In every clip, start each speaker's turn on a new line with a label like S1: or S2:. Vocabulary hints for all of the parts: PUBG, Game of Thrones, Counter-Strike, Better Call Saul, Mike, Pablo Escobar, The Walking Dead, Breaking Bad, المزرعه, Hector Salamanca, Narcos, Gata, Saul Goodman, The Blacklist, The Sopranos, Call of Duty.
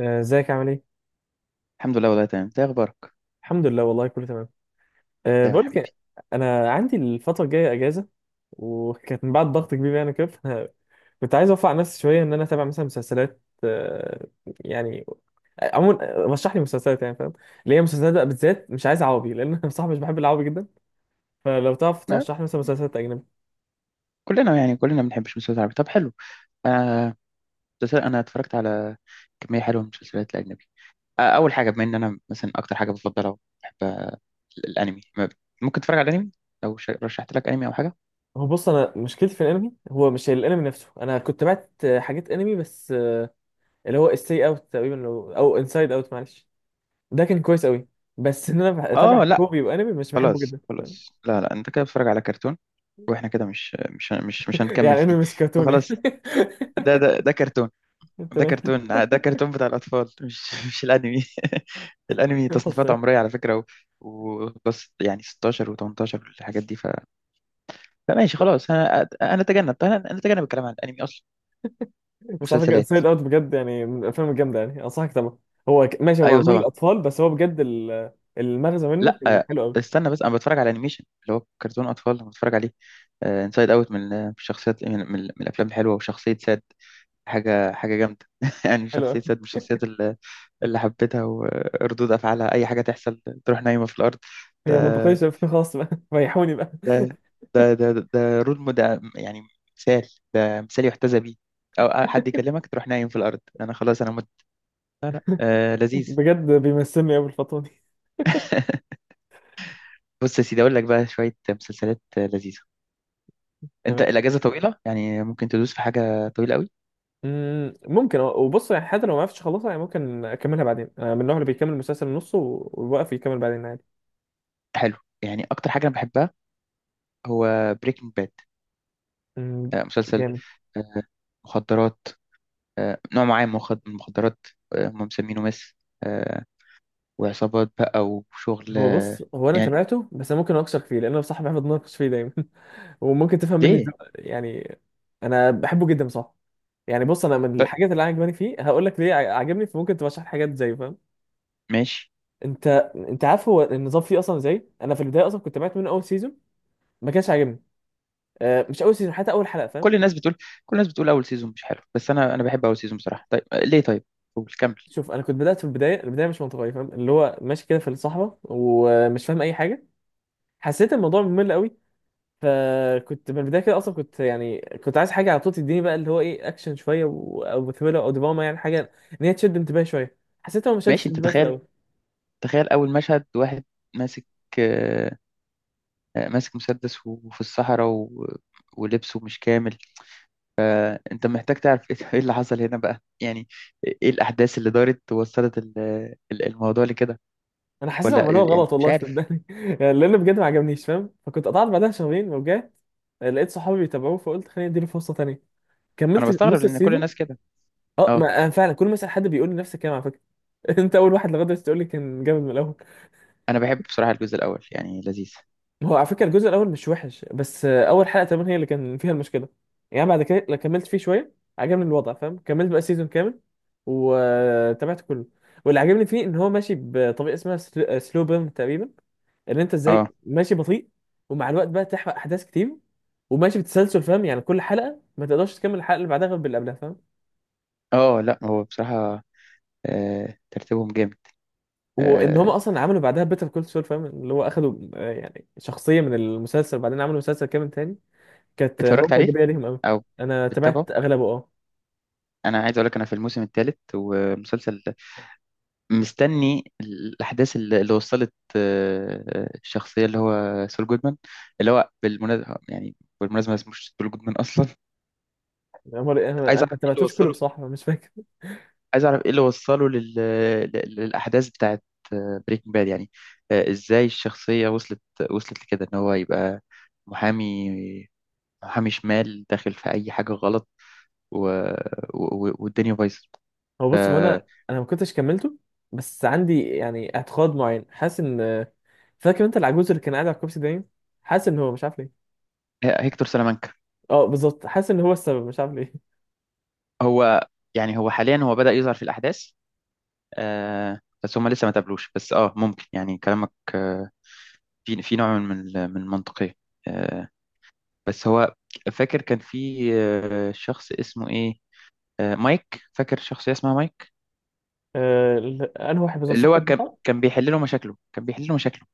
S1: آه، ازيك عامل ايه؟
S2: الحمد لله والله تمام. ده اخبارك؟
S1: الحمد لله والله كله تمام. أه
S2: دايما
S1: بقول
S2: حبيبي.
S1: لك، انا عندي الفترة الجاية اجازة، وكانت من بعد ضغط كبير يعني كده. فأنا كنت عايز اوفق على نفسي شوية ان انا اتابع مثلا مسلسلات يعني. عموما رشح لي مسلسلات، يعني فاهم، اللي هي مسلسلات بقى، بالذات مش عايز عربي لان انا بصراحة مش بحب العربي جدا. فلو تعرف
S2: ما
S1: ترشح لي مثلا مسلسلات اجنبي.
S2: كلنا، يعني كلنا بنحب المسلسلات العربية، طب حلو. آه. مسلسل، انا اتفرجت على كميه حلوه من المسلسلات الاجنبي. اول حاجه، بما ان انا مثلا اكتر حاجه بفضلها بحب الانمي. ممكن تتفرج على الانمي؟ لو رشحت لك انمي او حاجه.
S1: هو بص، انا مشكلتي في الانمي هو مش الانمي نفسه. انا كنت بعت حاجات انمي بس، اللي هو ستي اوت تقريبا، او انسايد اوت، معلش. ده كان كويس قوي. بس ان انا اتابع
S2: اه لا.
S1: كوري، وانمي مش بحبه
S2: خلاص
S1: جدا
S2: خلاص، لا لا، انت كده بتتفرج على كرتون. واحنا كده مش هنكمل
S1: يعني
S2: في
S1: انمي
S2: دي.
S1: مش كرتون يعني.
S2: فخلاص. ده كرتون. ده
S1: تمام.
S2: كرتون، ده كرتون بتاع الأطفال، مش مش الأنمي. الأنمي
S1: بس
S2: تصنيفات عمرية على فكرة، وبس يعني 16 و18 والحاجات دي. فماشي خلاص. أنا أتجنب الكلام عن الأنمي أصلا.
S1: بس على فكره
S2: مسلسلات.
S1: سايد اوت بجد يعني من الافلام الجامده، يعني انصحك طبعا. هو ماشي، هو
S2: أيوه
S1: معمول
S2: طبعا.
S1: للاطفال، بس هو بجد المغزى منه
S2: لا،
S1: كان حلو قوي.
S2: استنى بس. أنا بتفرج على أنيميشن، اللي هو كرتون أطفال أنا بتفرج عليه. انسايد أوت، من شخصيات من الأفلام الحلوة. وشخصية ساد، حاجة جامدة. يعني
S1: حلو
S2: شخصية
S1: قوي.
S2: ساد من الشخصيات اللي حبيتها، وردود أفعالها أي حاجة تحصل تروح نايمة في الأرض.
S1: هي منطقيه،
S2: ده
S1: خلاص بقى ريحوني بقى.
S2: ده ده رول مود يعني. مثال، مثال يحتذى بيه. او حد يكلمك تروح نايم في الارض، انا خلاص، انا مت. لا لا، آه، لذيذ.
S1: بجد بيمثلني قوي الفتره دي.
S2: بص يا سيدي، اقول لك بقى شويه مسلسلات لذيذه. انت
S1: تمام.
S2: الاجازه طويله يعني، ممكن تدوس في حاجه طويله قوي.
S1: مم، ممكن، وبص يعني حتى لو ما عرفتش اخلصها، يعني ممكن اكملها بعدين. انا من النوع اللي بيكمل المسلسل نصه ويوقف يكمل بعدين عادي.
S2: حلو. يعني اكتر حاجه انا بحبها هو بريكنج باد.
S1: مم،
S2: آه، مسلسل.
S1: جامد.
S2: آه مخدرات. آه، نوع معين من من المخدرات. آه، هم مسمينه مس. آه. وعصابات بقى وشغل.
S1: هو بص، هو انا
S2: يعني
S1: تابعته، بس انا ممكن اناقشك فيه لان انا بصراحه بحب اتناقش فيه دايما. وممكن تفهم مني
S2: ليه
S1: يعني، انا بحبه جدا بصراحه. يعني بص، انا من
S2: طيب،
S1: الحاجات اللي عجباني فيه هقول لك ليه عجبني، فممكن تبقى شرح حاجات زي فاهم.
S2: ماشي.
S1: انت انت عارف هو النظام فيه اصلا ازاي. انا في البدايه اصلا كنت تابعت منه اول سيزون. ما كانش عاجبني. آه، مش اول سيزون، حتى اول حلقه فاهم.
S2: كل الناس بتقول كل الناس بتقول اول سيزون مش حلو، بس انا بحب اول سيزون بصراحه. طيب، ليه طيب، قول كمل.
S1: شوف، انا كنت بدات في البدايه، البدايه مش منطقيه فاهم، اللي هو ماشي كده في الصحراء ومش فاهم اي حاجه. حسيت الموضوع ممل قوي. فكنت من البدايه كده اصلا، كنت يعني كنت عايز حاجه على طول تديني بقى اللي هو ايه، اكشن شويه او ثريلر او دراما، يعني حاجه ان هي تشد انتباهي شويه. حسيتها ما شدتش
S2: ماشي. انت
S1: انتباهي في
S2: تخيل،
S1: الاول.
S2: تخيل اول مشهد. واحد ماسك آه، آه، ماسك مسدس، وفي الصحراء ولبسه مش كامل. انت محتاج تعرف ايه؟ إيه اللي حصل هنا بقى يعني؟ ايه الاحداث اللي دارت وصلت الموضوع لكده؟
S1: انا حسيتها
S2: ولا
S1: عملوها
S2: إيه؟
S1: غلط
S2: يعني مش
S1: والله
S2: عارف.
S1: صدقني يعني، لان بجد ما عجبنيش فاهم. فكنت قطعت بعدها شهرين ورجعت، لقيت صحابي بيتابعوه، فقلت خليني اديله فرصه تانيه.
S2: انا
S1: كملت
S2: بستغرب
S1: نص
S2: لان كل
S1: السيزون.
S2: الناس كده.
S1: اه،
S2: اه.
S1: ما أنا فعلا كل ما اسال حد بيقول لي نفس الكلام على فكره. انت اول واحد لغايه دلوقتي تقول لي كان جامد من الاول.
S2: انا بحب بصراحه الجزء الاول، يعني لذيذ.
S1: هو على فكرة الجزء الأول مش وحش، بس أول حلقة تمام هي اللي كان فيها المشكلة. يعني بعد كده لما كملت فيه شوية عجبني الوضع فاهم. كملت بقى سيزون كامل وتابعت كله. واللي عجبني فيه إن هو ماشي بطريقة اسمها سلو بيرن تقريبا، إن أنت إزاي
S2: اه
S1: ماشي بطيء ومع الوقت بقى تحرق أحداث كتير، وماشي بتسلسل فاهم. يعني كل حلقة ما تقدرش تكمل الحلقة اللي بعدها غير باللي قبلها فاهم.
S2: اه، لا هو بصراحه ترتيبهم جامد.
S1: وإن هم
S2: آه،
S1: أصلا عملوا بعدها بيتر كول سول فاهم، اللي هو أخدوا يعني شخصية من المسلسل وبعدين عملوا مسلسل كامل تاني. كانت
S2: اتفرجت
S1: نقطة
S2: عليه،
S1: إيجابية ليهم أوي.
S2: او
S1: أنا
S2: بتتابعه؟
S1: تابعت أغلبه، أه.
S2: انا عايز اقول لك انا في الموسم الثالث ومسلسل، مستني الاحداث اللي وصلت الشخصيه اللي هو سول جودمان، اللي هو بالمناسبه يعني، بالمناسبه اسمه مش سول جودمان اصلا.
S1: أنا مر- أنا-
S2: عايز
S1: أنا ما
S2: اعرف ايه اللي
S1: تابعتوش كله
S2: وصله.
S1: بصراحة، مش فاكر.
S2: عايز اعرف ايه اللي وصله للاحداث بتاعت بريكنج باد يعني. ازاي الشخصيه وصلت، وصلت لكده، ان هو يبقى محامي، محامي شمال داخل في اي حاجه غلط، و... والدنيا بايظه.
S1: هو بص، هو أنا ما كنتش كملته، بس عندي يعني اعتقاد معين، حاسس إن، فاكر أنت العجوز اللي كان قاعد على الكرسي دايم، حاسس إن هو مش عارف ليه.
S2: هيكتور سلامانكا.
S1: أه بالظبط، حاسس إن هو السبب، مش عارف ليه.
S2: هو يعني هو حاليا هو بدأ يظهر في الأحداث. آه، بس هما لسه ما تقابلوش. بس اه، ممكن يعني كلامك آه، في نوع من من المنطقية. آه، بس هو فاكر كان في شخص اسمه ايه، مايك. فاكر شخصية اسمها مايك،
S1: أنا واحد بالظبط،
S2: اللي
S1: صح
S2: هو
S1: بالظبط.
S2: كان بيحل له مشاكله، كان بيحل له مشاكله،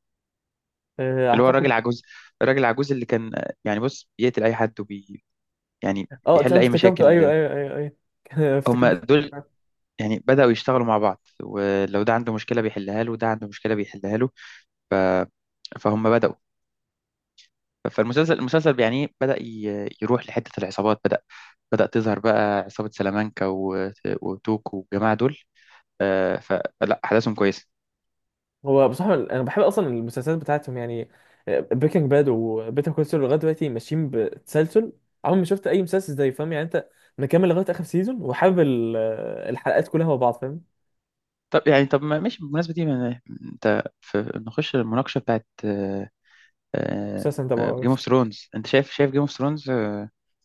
S2: اللي هو الراجل
S1: أعتقد.
S2: العجوز، الراجل العجوز اللي كان يعني، بص، بيقتل أي حد يعني
S1: أه
S2: بيحل
S1: تمام
S2: أي
S1: افتكرته، أيوه
S2: مشاكل.
S1: أيوه أيوه، أيوه
S2: هما
S1: افتكرته.
S2: دول. يعني بدأوا يشتغلوا مع بعض، ولو ده عنده مشكلة بيحلها له، وده عنده مشكلة بيحلها له. ف... فهم بدأوا. المسلسل يعني بدأ يروح لحتة العصابات. بدأ، بدأ تظهر بقى عصابة سلامانكا وتوك والجماعة دول. آه، فلا أحداثهم كويسة.
S1: هو بصراحة أنا بحب أصلا المسلسلات بتاعتهم يعني. بريكنج باد وبيتر كول سول لغاية دلوقتي ماشيين بتسلسل، عمري ما شفت أي مسلسل زي فاهم يعني. أنت مكمل لغاية آخر سيزون وحابب الحلقات كلها مع بعض فاهم.
S2: طب يعني، طب ما- ماشي. بالمناسبة دي أنت في نخش المناقشة بتاعت
S1: مسلسل أنت
S2: جيم
S1: متابعهوش؟
S2: اوف ثرونز. أنت شايف، شايف جيم اوف ثرونز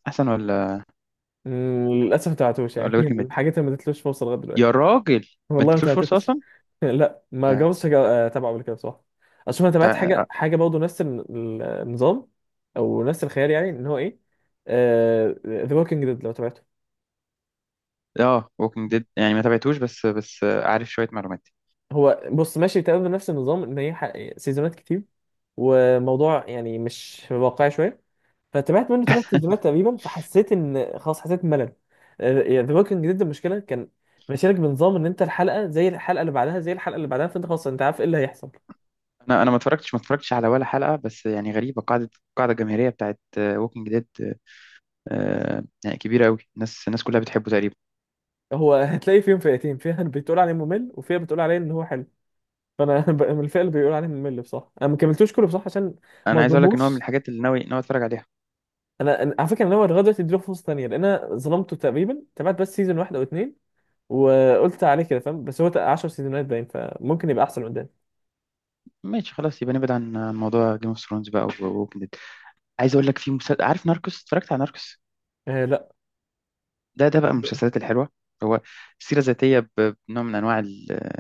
S2: أحسن ولا
S1: مم، للأسف ما تابعتوش
S2: ولا
S1: يعني،
S2: بريكنج باد؟
S1: الحاجات اللي ما اديتلوش فرصة لغاية دلوقتي.
S2: يا راجل، ما
S1: والله ما
S2: اديتلوش فرصة
S1: تابعتوش.
S2: أصلا.
S1: لا، ما جربتش أتابعه قبل كده بصراحة. أصل أنا تابعت حاجة
S2: ده.
S1: حاجة برضه نفس النظام، أو نفس الخيال، يعني إن هو إيه، ذا ووكينج ديد لو تابعته.
S2: اه ووكينج ديد يعني، ما تابعتوش، بس عارف شويه معلومات.
S1: هو بص، ماشي تمام بنفس النظام، ان هي سيزونات كتير، وموضوع يعني مش واقعي شويه. فتابعت منه 3 سيزونات تقريبا، فحسيت ان خلاص، حسيت بملل. ذا ووكينج ديد المشكله كان ماشيلك بنظام ان انت الحلقه زي الحلقه اللي بعدها زي الحلقه اللي بعدها، فانت خلاص انت عارف ايه اللي هيحصل.
S2: انا ما اتفرجتش، ما اتفرجتش على ولا حلقه، بس يعني غريبه. قاعده، قاعده جماهيريه بتاعت ووكينج ديد يعني كبيره قوي. الناس كلها بتحبه تقريبا.
S1: هو هتلاقي فيهم فئتين، فيها اللي بتقول عليه ممل، وفيها بتقول عليه ان هو حلو. فانا من الفئه اللي بيقول عليه ممل بصراحه. انا ما كملتوش كله بصراحه عشان ما
S2: انا عايز اقول لك ان هو من
S1: اظلمهوش.
S2: الحاجات اللي ناوي، ناوي اتفرج عليها.
S1: على فكره انا ناوي لغايه دلوقتي اديله فرصه ثانيه، لان انا ظلمته تقريبا، تابعت بس سيزون واحد او اتنين وقلت عليه كده فاهم. بس هو 10 سيزونات باين، فممكن يبقى احسن قدام.
S2: ماشي خلاص، يبقى نبعد عن موضوع جيم اوف ثرونز بقى، ووكينج ديد. عايز اقول لك في مسلسل، عارف ناركوس؟ اتفرجت على ناركوس؟
S1: آه لا،
S2: ده بقى من المسلسلات الحلوه. هو سيره ذاتيه، بنوع من انواع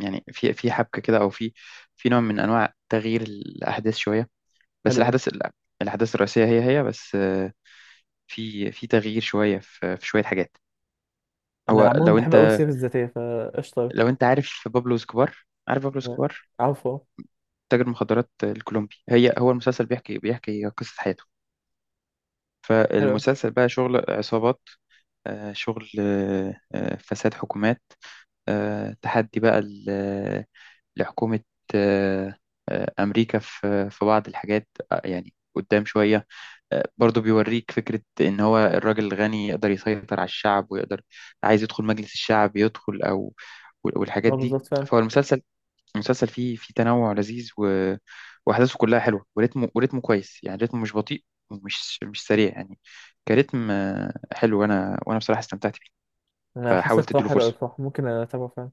S2: يعني، في حبكه كده، او في، في نوع من انواع تغيير الاحداث شويه. بس
S1: حلو قوي.
S2: الاحداث لا، الاحداث الرئيسيه هي هي، بس. آه، في تغيير شويه، في شويه حاجات.
S1: انا
S2: هو
S1: عموما
S2: لو
S1: بحب قوي
S2: انت،
S1: السير الذاتيه فقشطه.
S2: لو انت عارف بابلو اسكوبار. عارف بابلو
S1: آه،
S2: اسكوبار؟
S1: عفوا.
S2: تاجر مخدرات الكولومبي. هي، هو المسلسل بيحكي، بيحكي قصه حياته.
S1: حلو قوي.
S2: فالمسلسل بقى شغل عصابات، شغل فساد حكومات، تحدي بقى لحكومه آه، امريكا في بعض الحاجات. يعني قدام شويه، برضه بيوريك فكرة إن هو الراجل الغني يقدر يسيطر على الشعب، ويقدر عايز يدخل مجلس الشعب يدخل، أو والحاجات
S1: اه
S2: دي.
S1: بالظبط فعلا.
S2: فهو المسلسل، المسلسل فيه تنوع لذيذ وأحداثه كلها حلوة، وريتمه، وريتمه كويس، يعني ريتمه مش بطيء ومش مش سريع يعني. كريتم حلو، وأنا بصراحة استمتعت بيه.
S1: انا حاسس
S2: فحاولت
S1: بتاعه
S2: أديله
S1: حلو قوي
S2: فرصة.
S1: بصراحه، ممكن اتابعه فعلا.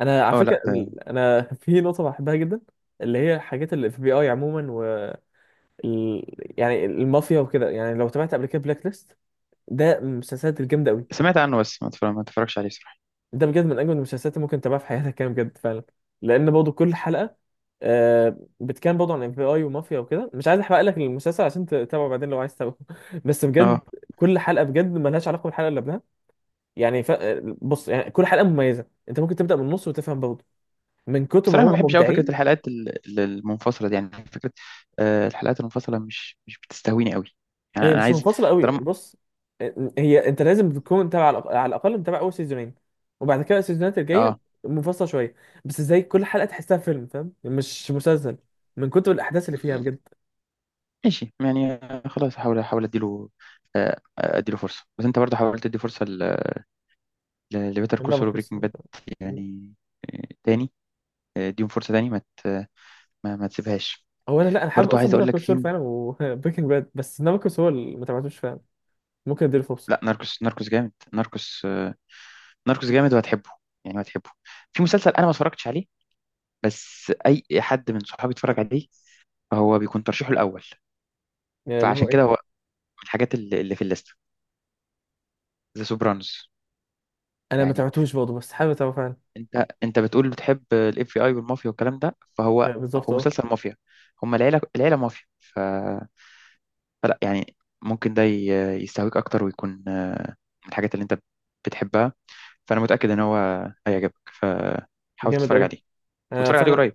S1: انا على
S2: اه
S1: فكره،
S2: لا،
S1: انا في نقطه بحبها جدا، اللي هي الحاجات اللي في بي اي عموما، و ال... يعني المافيا وكده. يعني لو تابعت قبل كده بلاك ليست، ده من المسلسلات الجامده قوي.
S2: سمعت عنه بس ما اتفرجش عليه بصراحة.
S1: ده بجد من اجمل المسلسلات اللي ممكن تتابعها في حياتك كده بجد فعلا، لان برضه كل حلقه بتكلم برضه عن FBI ومافيا وكده. مش عايز احرق لك المسلسل عشان تتابعه بعدين لو عايز تتابعه. بس بجد
S2: اه.
S1: كل حلقه بجد ملهاش علاقه بالحلقه اللي قبلها، يعني بص يعني كل حلقه مميزه، انت ممكن تبدا من النص وتفهم برضه من كتر ما
S2: بصراحة ما
S1: هو
S2: بحبش قوي فكرة
S1: مبدعين.
S2: الحلقات المنفصلة دي، يعني فكرة الحلقات المنفصلة مش بتستهويني قوي. يعني
S1: هي
S2: أنا
S1: مش
S2: عايز،
S1: منفصلة قوي،
S2: طالما،
S1: بص. هي انت لازم تكون تابع على الاقل متابع اول سيزونين، وبعد كده السيزونات الجاية
S2: اه
S1: منفصلة شوية، بس زي كل حلقة تحسها فيلم فاهم مش مسلسل، من كتر الاحداث اللي فيها بجد.
S2: ماشي يعني. خلاص، هحاول، احاول اديله اديله فرصة. بس انت برضه حاولت تدي فرصة لبيتر كول سول
S1: نابوكس.
S2: وبريكنج باد يعني تاني. اديهم فرصة تاني، ما, ما تسيبهاش.
S1: هو انا لا، انا حابب
S2: برضه
S1: اصلا
S2: عايز
S1: بيتر
S2: اقول لك
S1: كول
S2: في،
S1: سول فعلا وبريكنج باد. بس نابوكس هو اللي ما تابعتوش فعلا، ممكن اديله فرصة.
S2: لا، ناركوس، ناركوس جامد، ناركوس ناركوس جامد وهتحبه، يعني هتحبه. في مسلسل انا ما اتفرجتش عليه، بس اي حد من صحابي اتفرج عليه هو بيكون ترشيحه الاول.
S1: يعني اللي هو
S2: فعشان
S1: ايه،
S2: كده هو من الحاجات اللي في الليسته، ذا سوبرانوس.
S1: انا ما
S2: يعني
S1: تابعتوش برضه بس حابب اتابعه فعلا.
S2: انت، بتقول بتحب الـ FBI والمافيا والكلام ده، فهو هو
S1: بالظبط اه،
S2: مسلسل مافيا. هم العيله، العيله مافيا. فلا يعني، ممكن ده يستهويك اكتر، ويكون من الحاجات اللي انت بتحبها. فانا متاكد ان هو هيعجبك. فحاول
S1: جامد
S2: تتفرج
S1: قوي،
S2: عليه،
S1: آه
S2: وتتفرج عليه
S1: فعلا.
S2: قريب.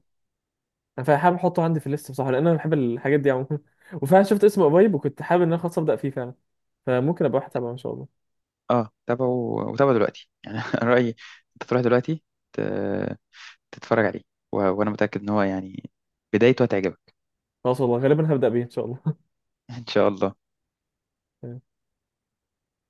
S1: فحابب احطه عندي في الليست بصراحه، لان انا بحب الحاجات دي عموما. وفعلا شفت اسمه قريب وكنت حابب ان انا خلاص ابدا فيه فعلا. فممكن ابقى واحد تابعه ان شاء الله.
S2: اه، تابعه، وتابعه دلوقتي يعني. أنا رايي انت تروح دلوقتي ت- تتفرج عليه. وانا متاكد ان هو يعني بدايته هتعجبك.
S1: خلاص والله غالبا هبدا بيه ان شاء الله.
S2: إن شاء الله.